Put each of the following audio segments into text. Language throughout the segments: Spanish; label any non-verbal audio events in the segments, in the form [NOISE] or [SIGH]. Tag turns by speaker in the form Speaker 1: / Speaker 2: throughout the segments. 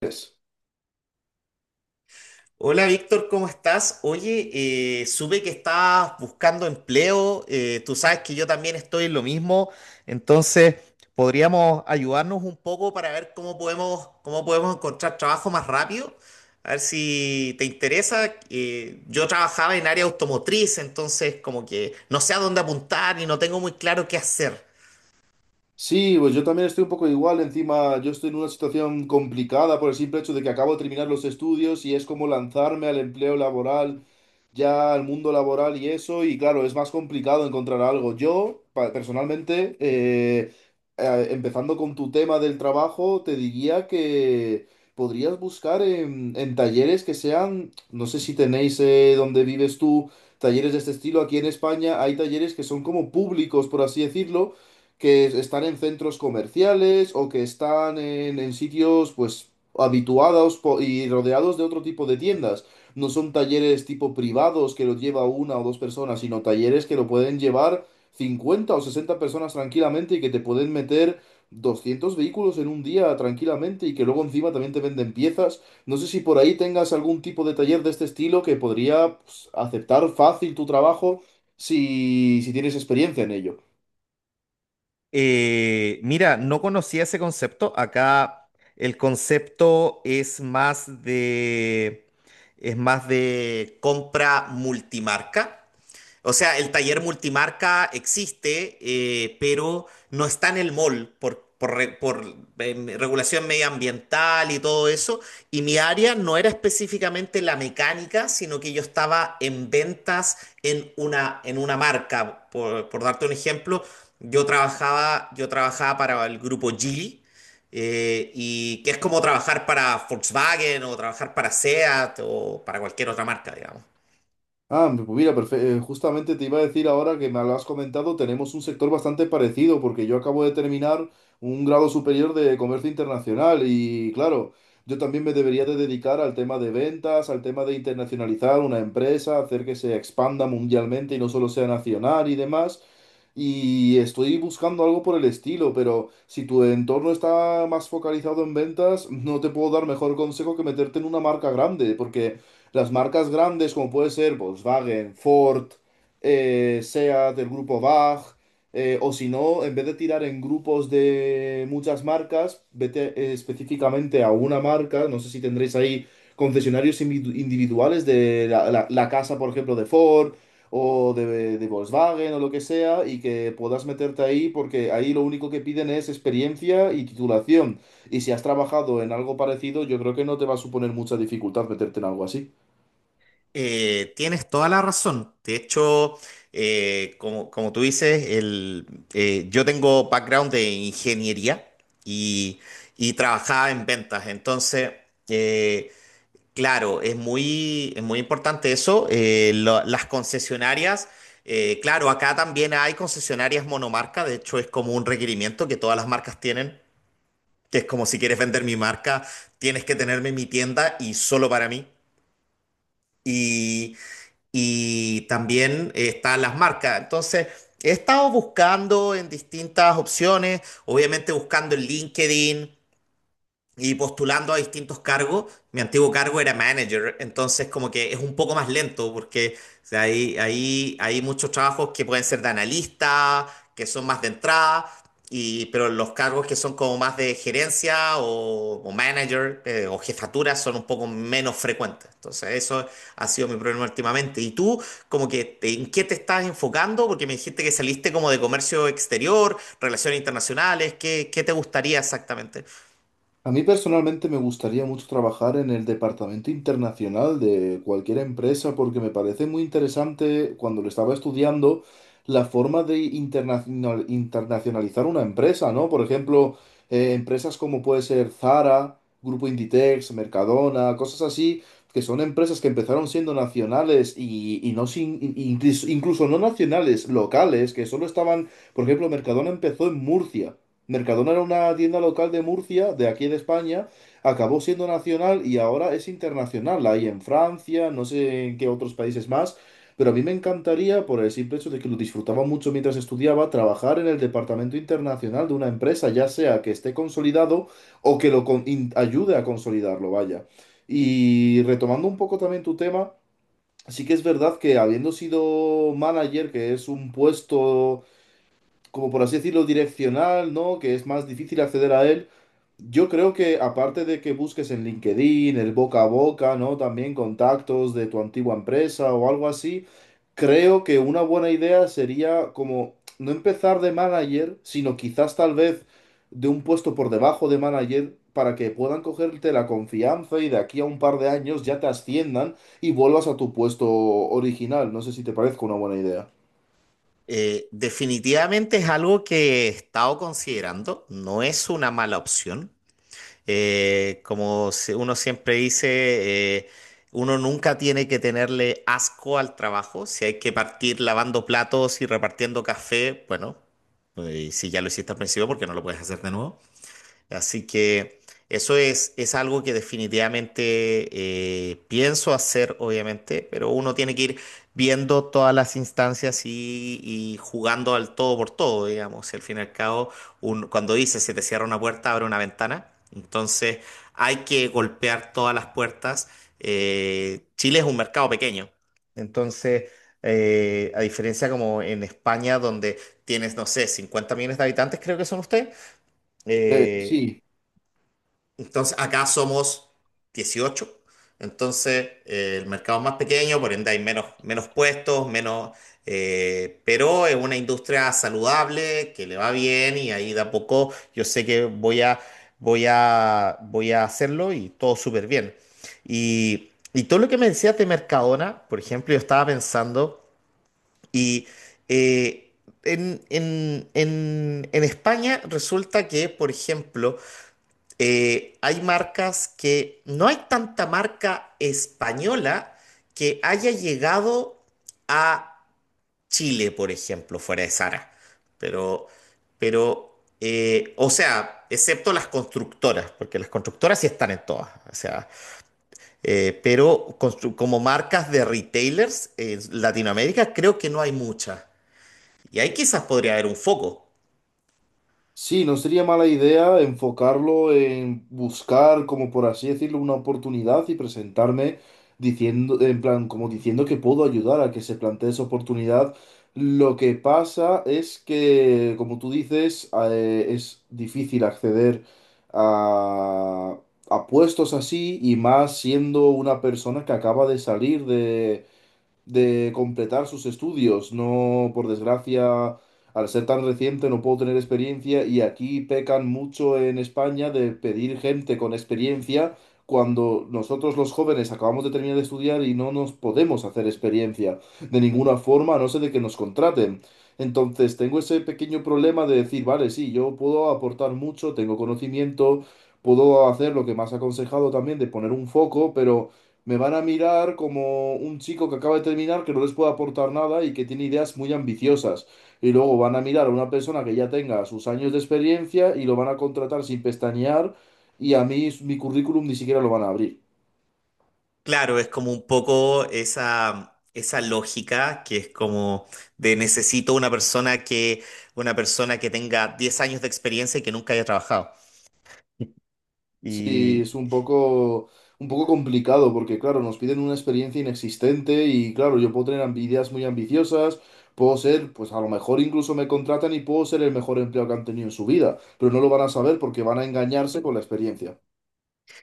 Speaker 1: Es.
Speaker 2: Hola Víctor, ¿cómo estás? Oye, supe que estás buscando empleo, tú sabes que yo también estoy en lo mismo, entonces podríamos ayudarnos un poco para ver cómo podemos encontrar trabajo más rápido, a ver si te interesa. Yo trabajaba en área automotriz, entonces como que no sé a dónde apuntar y no tengo muy claro qué hacer.
Speaker 1: Sí, pues yo también estoy un poco igual, encima yo estoy en una situación complicada por el simple hecho de que acabo de terminar los estudios y es como lanzarme al empleo laboral, ya al mundo laboral y eso, y claro, es más complicado encontrar algo. Yo, personalmente, empezando con tu tema del trabajo, te diría que podrías buscar en talleres que sean, no sé si tenéis donde vives tú, talleres de este estilo. Aquí en España hay talleres que son como públicos, por así decirlo, que están en centros comerciales o que están en sitios pues y rodeados de otro tipo de tiendas. No son talleres tipo privados que los lleva una o dos personas, sino talleres que lo pueden llevar 50 o 60 personas tranquilamente y que te pueden meter 200 vehículos en un día tranquilamente y que luego encima también te venden piezas. No sé si por ahí tengas algún tipo de taller de este estilo que podría, pues, aceptar fácil tu trabajo si tienes experiencia en ello.
Speaker 2: Mira, no conocía ese concepto. Acá el concepto es es más de compra multimarca. O sea, el taller multimarca existe, pero no está en el mall por regulación medioambiental y todo eso. Y mi área no era específicamente la mecánica, sino que yo estaba en ventas en en una marca. Por darte un ejemplo, yo trabajaba para el grupo Geely. Y que es como trabajar para Volkswagen o trabajar para SEAT o para cualquier otra marca, digamos.
Speaker 1: Ah, pues mira, justamente te iba a decir ahora que me lo has comentado, tenemos un sector bastante parecido porque yo acabo de terminar un grado superior de comercio internacional y, claro, yo también me debería de dedicar al tema de ventas, al tema de internacionalizar una empresa, hacer que se expanda mundialmente y no solo sea nacional y demás. Y estoy buscando algo por el estilo, pero si tu entorno está más focalizado en ventas, no te puedo dar mejor consejo que meterte en una marca grande, porque las marcas grandes, como puede ser Volkswagen, Ford, SEAT, el grupo BAG, o si no, en vez de tirar en grupos de muchas marcas, vete específicamente a una marca. No sé si tendréis ahí concesionarios individuales de la casa, por ejemplo, de Ford o de Volkswagen o lo que sea, y que puedas meterte ahí porque ahí lo único que piden es experiencia y titulación. Y si has trabajado en algo parecido, yo creo que no te va a suponer mucha dificultad meterte en algo así.
Speaker 2: Tienes toda la razón. De hecho, como tú dices, yo tengo background de ingeniería y, y trabajaba en ventas. Entonces, eh, claro, es muy importante eso. Las concesionarias, claro, acá también hay concesionarias monomarca. De hecho, es como un requerimiento que todas las marcas tienen, que es como si quieres vender mi marca, tienes que tenerme en mi tienda y solo para mí. Y, y también están las marcas. Entonces, he estado buscando en distintas opciones, obviamente buscando en LinkedIn, y postulando a distintos cargos. Mi antiguo cargo era manager, entonces como que es un poco más lento porque o sea, hay muchos trabajos que pueden ser de analista, que son más de entrada, y, pero los cargos que son como más de gerencia o manager o jefatura son un poco menos frecuentes. Entonces eso ha sido mi problema últimamente. ¿Y tú como que en qué te estás enfocando? Porque me dijiste que saliste como de comercio exterior, relaciones internacionales, ¿ qué te gustaría exactamente?
Speaker 1: A mí personalmente me gustaría mucho trabajar en el departamento internacional de cualquier empresa porque me parece muy interesante cuando lo estaba estudiando la forma de internacionalizar una empresa, ¿no? Por ejemplo, empresas como puede ser Zara, Grupo Inditex, Mercadona, cosas así, que son empresas que empezaron siendo nacionales incluso no nacionales, locales, que solo estaban, por ejemplo, Mercadona empezó en Murcia. Mercadona era una tienda local de Murcia, de aquí de España, acabó siendo nacional y ahora es internacional. La hay en Francia, no sé en qué otros países más, pero a mí me encantaría, por el simple hecho de que lo disfrutaba mucho mientras estudiaba, trabajar en el departamento internacional de una empresa, ya sea que esté consolidado o que ayude a consolidarlo, vaya. Y retomando un poco también tu tema, sí que es verdad que habiendo sido manager, que es un puesto, como por así decirlo, direccional, ¿no? Que es más difícil acceder a él. Yo creo que aparte de que busques en LinkedIn, el boca a boca, ¿no? También contactos de tu antigua empresa o algo así, creo que una buena idea sería como no empezar de manager, sino quizás tal vez de un puesto por debajo de manager para que puedan cogerte la confianza y de aquí a un par de años ya te asciendan y vuelvas a tu puesto original. No sé si te parece una buena idea.
Speaker 2: Definitivamente es algo que he estado considerando, no es una mala opción. Como si- Uno siempre dice, uno nunca tiene que tenerle asco al trabajo. Si hay que partir lavando platos y repartiendo café, bueno, si ya lo hiciste al principio, ¿porque no lo puedes hacer de nuevo? Así que eso es algo que definitivamente pienso hacer, obviamente, pero uno tiene que ir viendo todas las instancias y jugando al todo por todo, digamos. Y al fin y al cabo, cuando dice se te cierra una puerta, abre una ventana. Entonces hay que golpear todas las puertas. Chile es un mercado pequeño. Entonces, a diferencia como en España, donde tienes, no sé, 50 millones de habitantes, creo que son ustedes. eh,
Speaker 1: Sí.
Speaker 2: entonces, acá somos 18. Entonces, el mercado es más pequeño, por ende hay menos, menos puestos, pero es una industria saludable, que le va bien y ahí de a poco yo sé que voy a hacerlo y todo súper bien. Y todo lo que me decías de Mercadona, por ejemplo, yo estaba pensando y... eh, en, en España resulta que, por ejemplo, hay marcas que no hay tanta marca española que haya llegado a Chile, por ejemplo, fuera de Zara. Pero, pero, o sea, excepto las constructoras, porque las constructoras sí están en todas. O sea, pero como marcas de retailers en Latinoamérica creo que no hay muchas. Y ahí quizás podría haber un foco.
Speaker 1: Sí, no sería mala idea enfocarlo en buscar, como por así decirlo, una oportunidad y presentarme diciendo, en plan, como diciendo que puedo ayudar a que se plantee esa oportunidad. Lo que pasa es que, como tú dices, es difícil acceder a, a puestos así y más siendo una persona que acaba de salir de completar sus estudios. No, por desgracia, al ser tan reciente no puedo tener experiencia y aquí pecan mucho en España de pedir gente con experiencia cuando nosotros los jóvenes acabamos de terminar de estudiar y no nos podemos hacer experiencia de ninguna forma, a no ser de que nos contraten. Entonces, tengo ese pequeño problema de decir, vale, sí, yo puedo aportar mucho, tengo conocimiento, puedo hacer lo que me has aconsejado también de poner un foco, pero me van a mirar como un chico que acaba de terminar, que no les puede aportar nada y que tiene ideas muy ambiciosas. Y luego van a mirar a una persona que ya tenga sus años de experiencia y lo van a contratar sin pestañear, y a mí mi currículum ni siquiera lo van a abrir.
Speaker 2: Claro, es como un poco esa lógica que es como de necesito una una persona que tenga 10 años de experiencia y que nunca haya trabajado. [LAUGHS]
Speaker 1: Sí,
Speaker 2: Y
Speaker 1: es un poco complicado porque, claro, nos piden una experiencia inexistente y, claro, yo puedo tener ideas muy ambiciosas, puedo ser, pues a lo mejor incluso me contratan y puedo ser el mejor empleado que han tenido en su vida, pero no lo van a saber porque van a engañarse con la experiencia.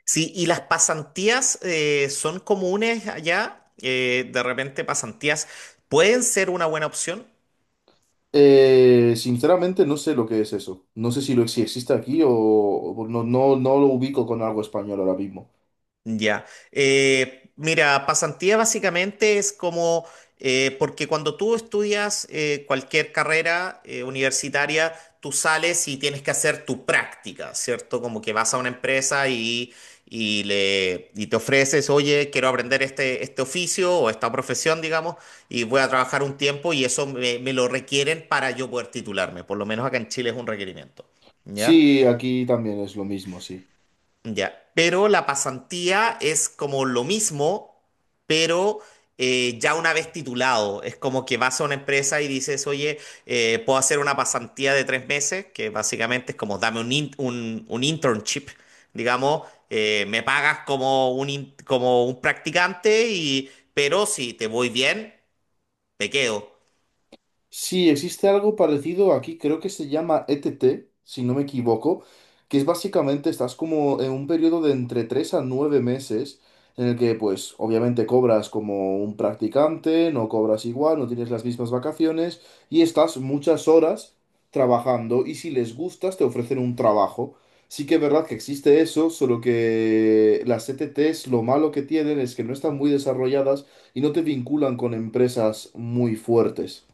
Speaker 2: sí, y las pasantías son comunes allá. De repente pasantías pueden ser una buena opción.
Speaker 1: Sinceramente no sé lo que es eso. No sé si existe aquí o no, no lo ubico con algo español ahora mismo.
Speaker 2: Ya. Mira, pasantía básicamente es como, porque cuando tú estudias cualquier carrera universitaria, tú sales y tienes que hacer tu práctica, ¿cierto? Como que vas a una empresa y te ofreces, oye, quiero aprender este oficio o esta profesión, digamos, y voy a trabajar un tiempo y eso me lo requieren para yo poder titularme. Por lo menos acá en Chile es un requerimiento. ¿Ya?
Speaker 1: Sí, aquí también es lo mismo, sí.
Speaker 2: Ya, pero la pasantía es como lo mismo, pero ya una vez titulado. Es como que vas a una empresa y dices, oye, puedo hacer una pasantía de 3 meses, que básicamente es como dame un, un internship, digamos, me pagas como un, como un practicante, y, pero si te voy bien, te quedo.
Speaker 1: Sí, existe algo parecido aquí, creo que se llama ETT, si no me equivoco, que es básicamente estás como en un periodo de entre 3 a 9 meses en el que pues obviamente cobras como un practicante, no cobras igual, no tienes las mismas vacaciones y estás muchas horas trabajando, y si les gustas te ofrecen un trabajo. Sí que es verdad que existe eso, solo que las ETTs lo malo que tienen es que no están muy desarrolladas y no te vinculan con empresas muy fuertes.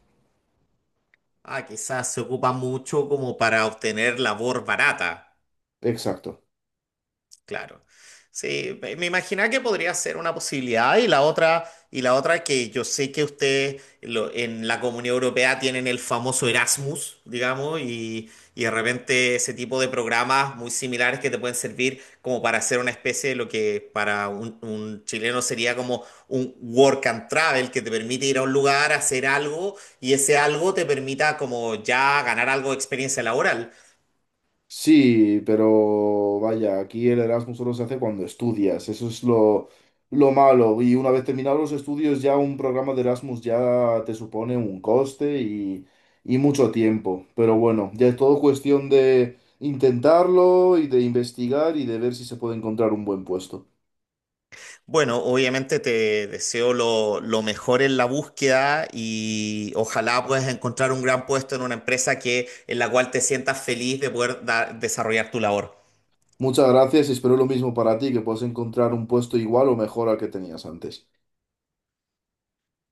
Speaker 2: Ah, quizás se ocupa mucho como para obtener labor barata.
Speaker 1: Exacto.
Speaker 2: Claro. Sí, me imaginaba que podría ser una posibilidad y la otra que yo sé que ustedes en la Comunión Europea tienen el famoso Erasmus, digamos, y de repente ese tipo de programas muy similares que te pueden servir como para hacer una especie de lo que para un chileno sería como un work and travel que te permite ir a un lugar, hacer algo y ese algo te permita como ya ganar algo de experiencia laboral.
Speaker 1: Sí, pero vaya, aquí el Erasmus solo se hace cuando estudias, eso es lo malo. Y una vez terminados los estudios, ya un programa de Erasmus ya te supone un coste y mucho tiempo. Pero bueno, ya es todo cuestión de intentarlo y de investigar y de ver si se puede encontrar un buen puesto.
Speaker 2: Bueno, obviamente te deseo lo mejor en la búsqueda y ojalá puedas encontrar un gran puesto en una empresa que, en la cual te sientas feliz de poder desarrollar tu labor.
Speaker 1: Muchas gracias y espero lo mismo para ti, que puedas encontrar un puesto igual o mejor al que tenías antes.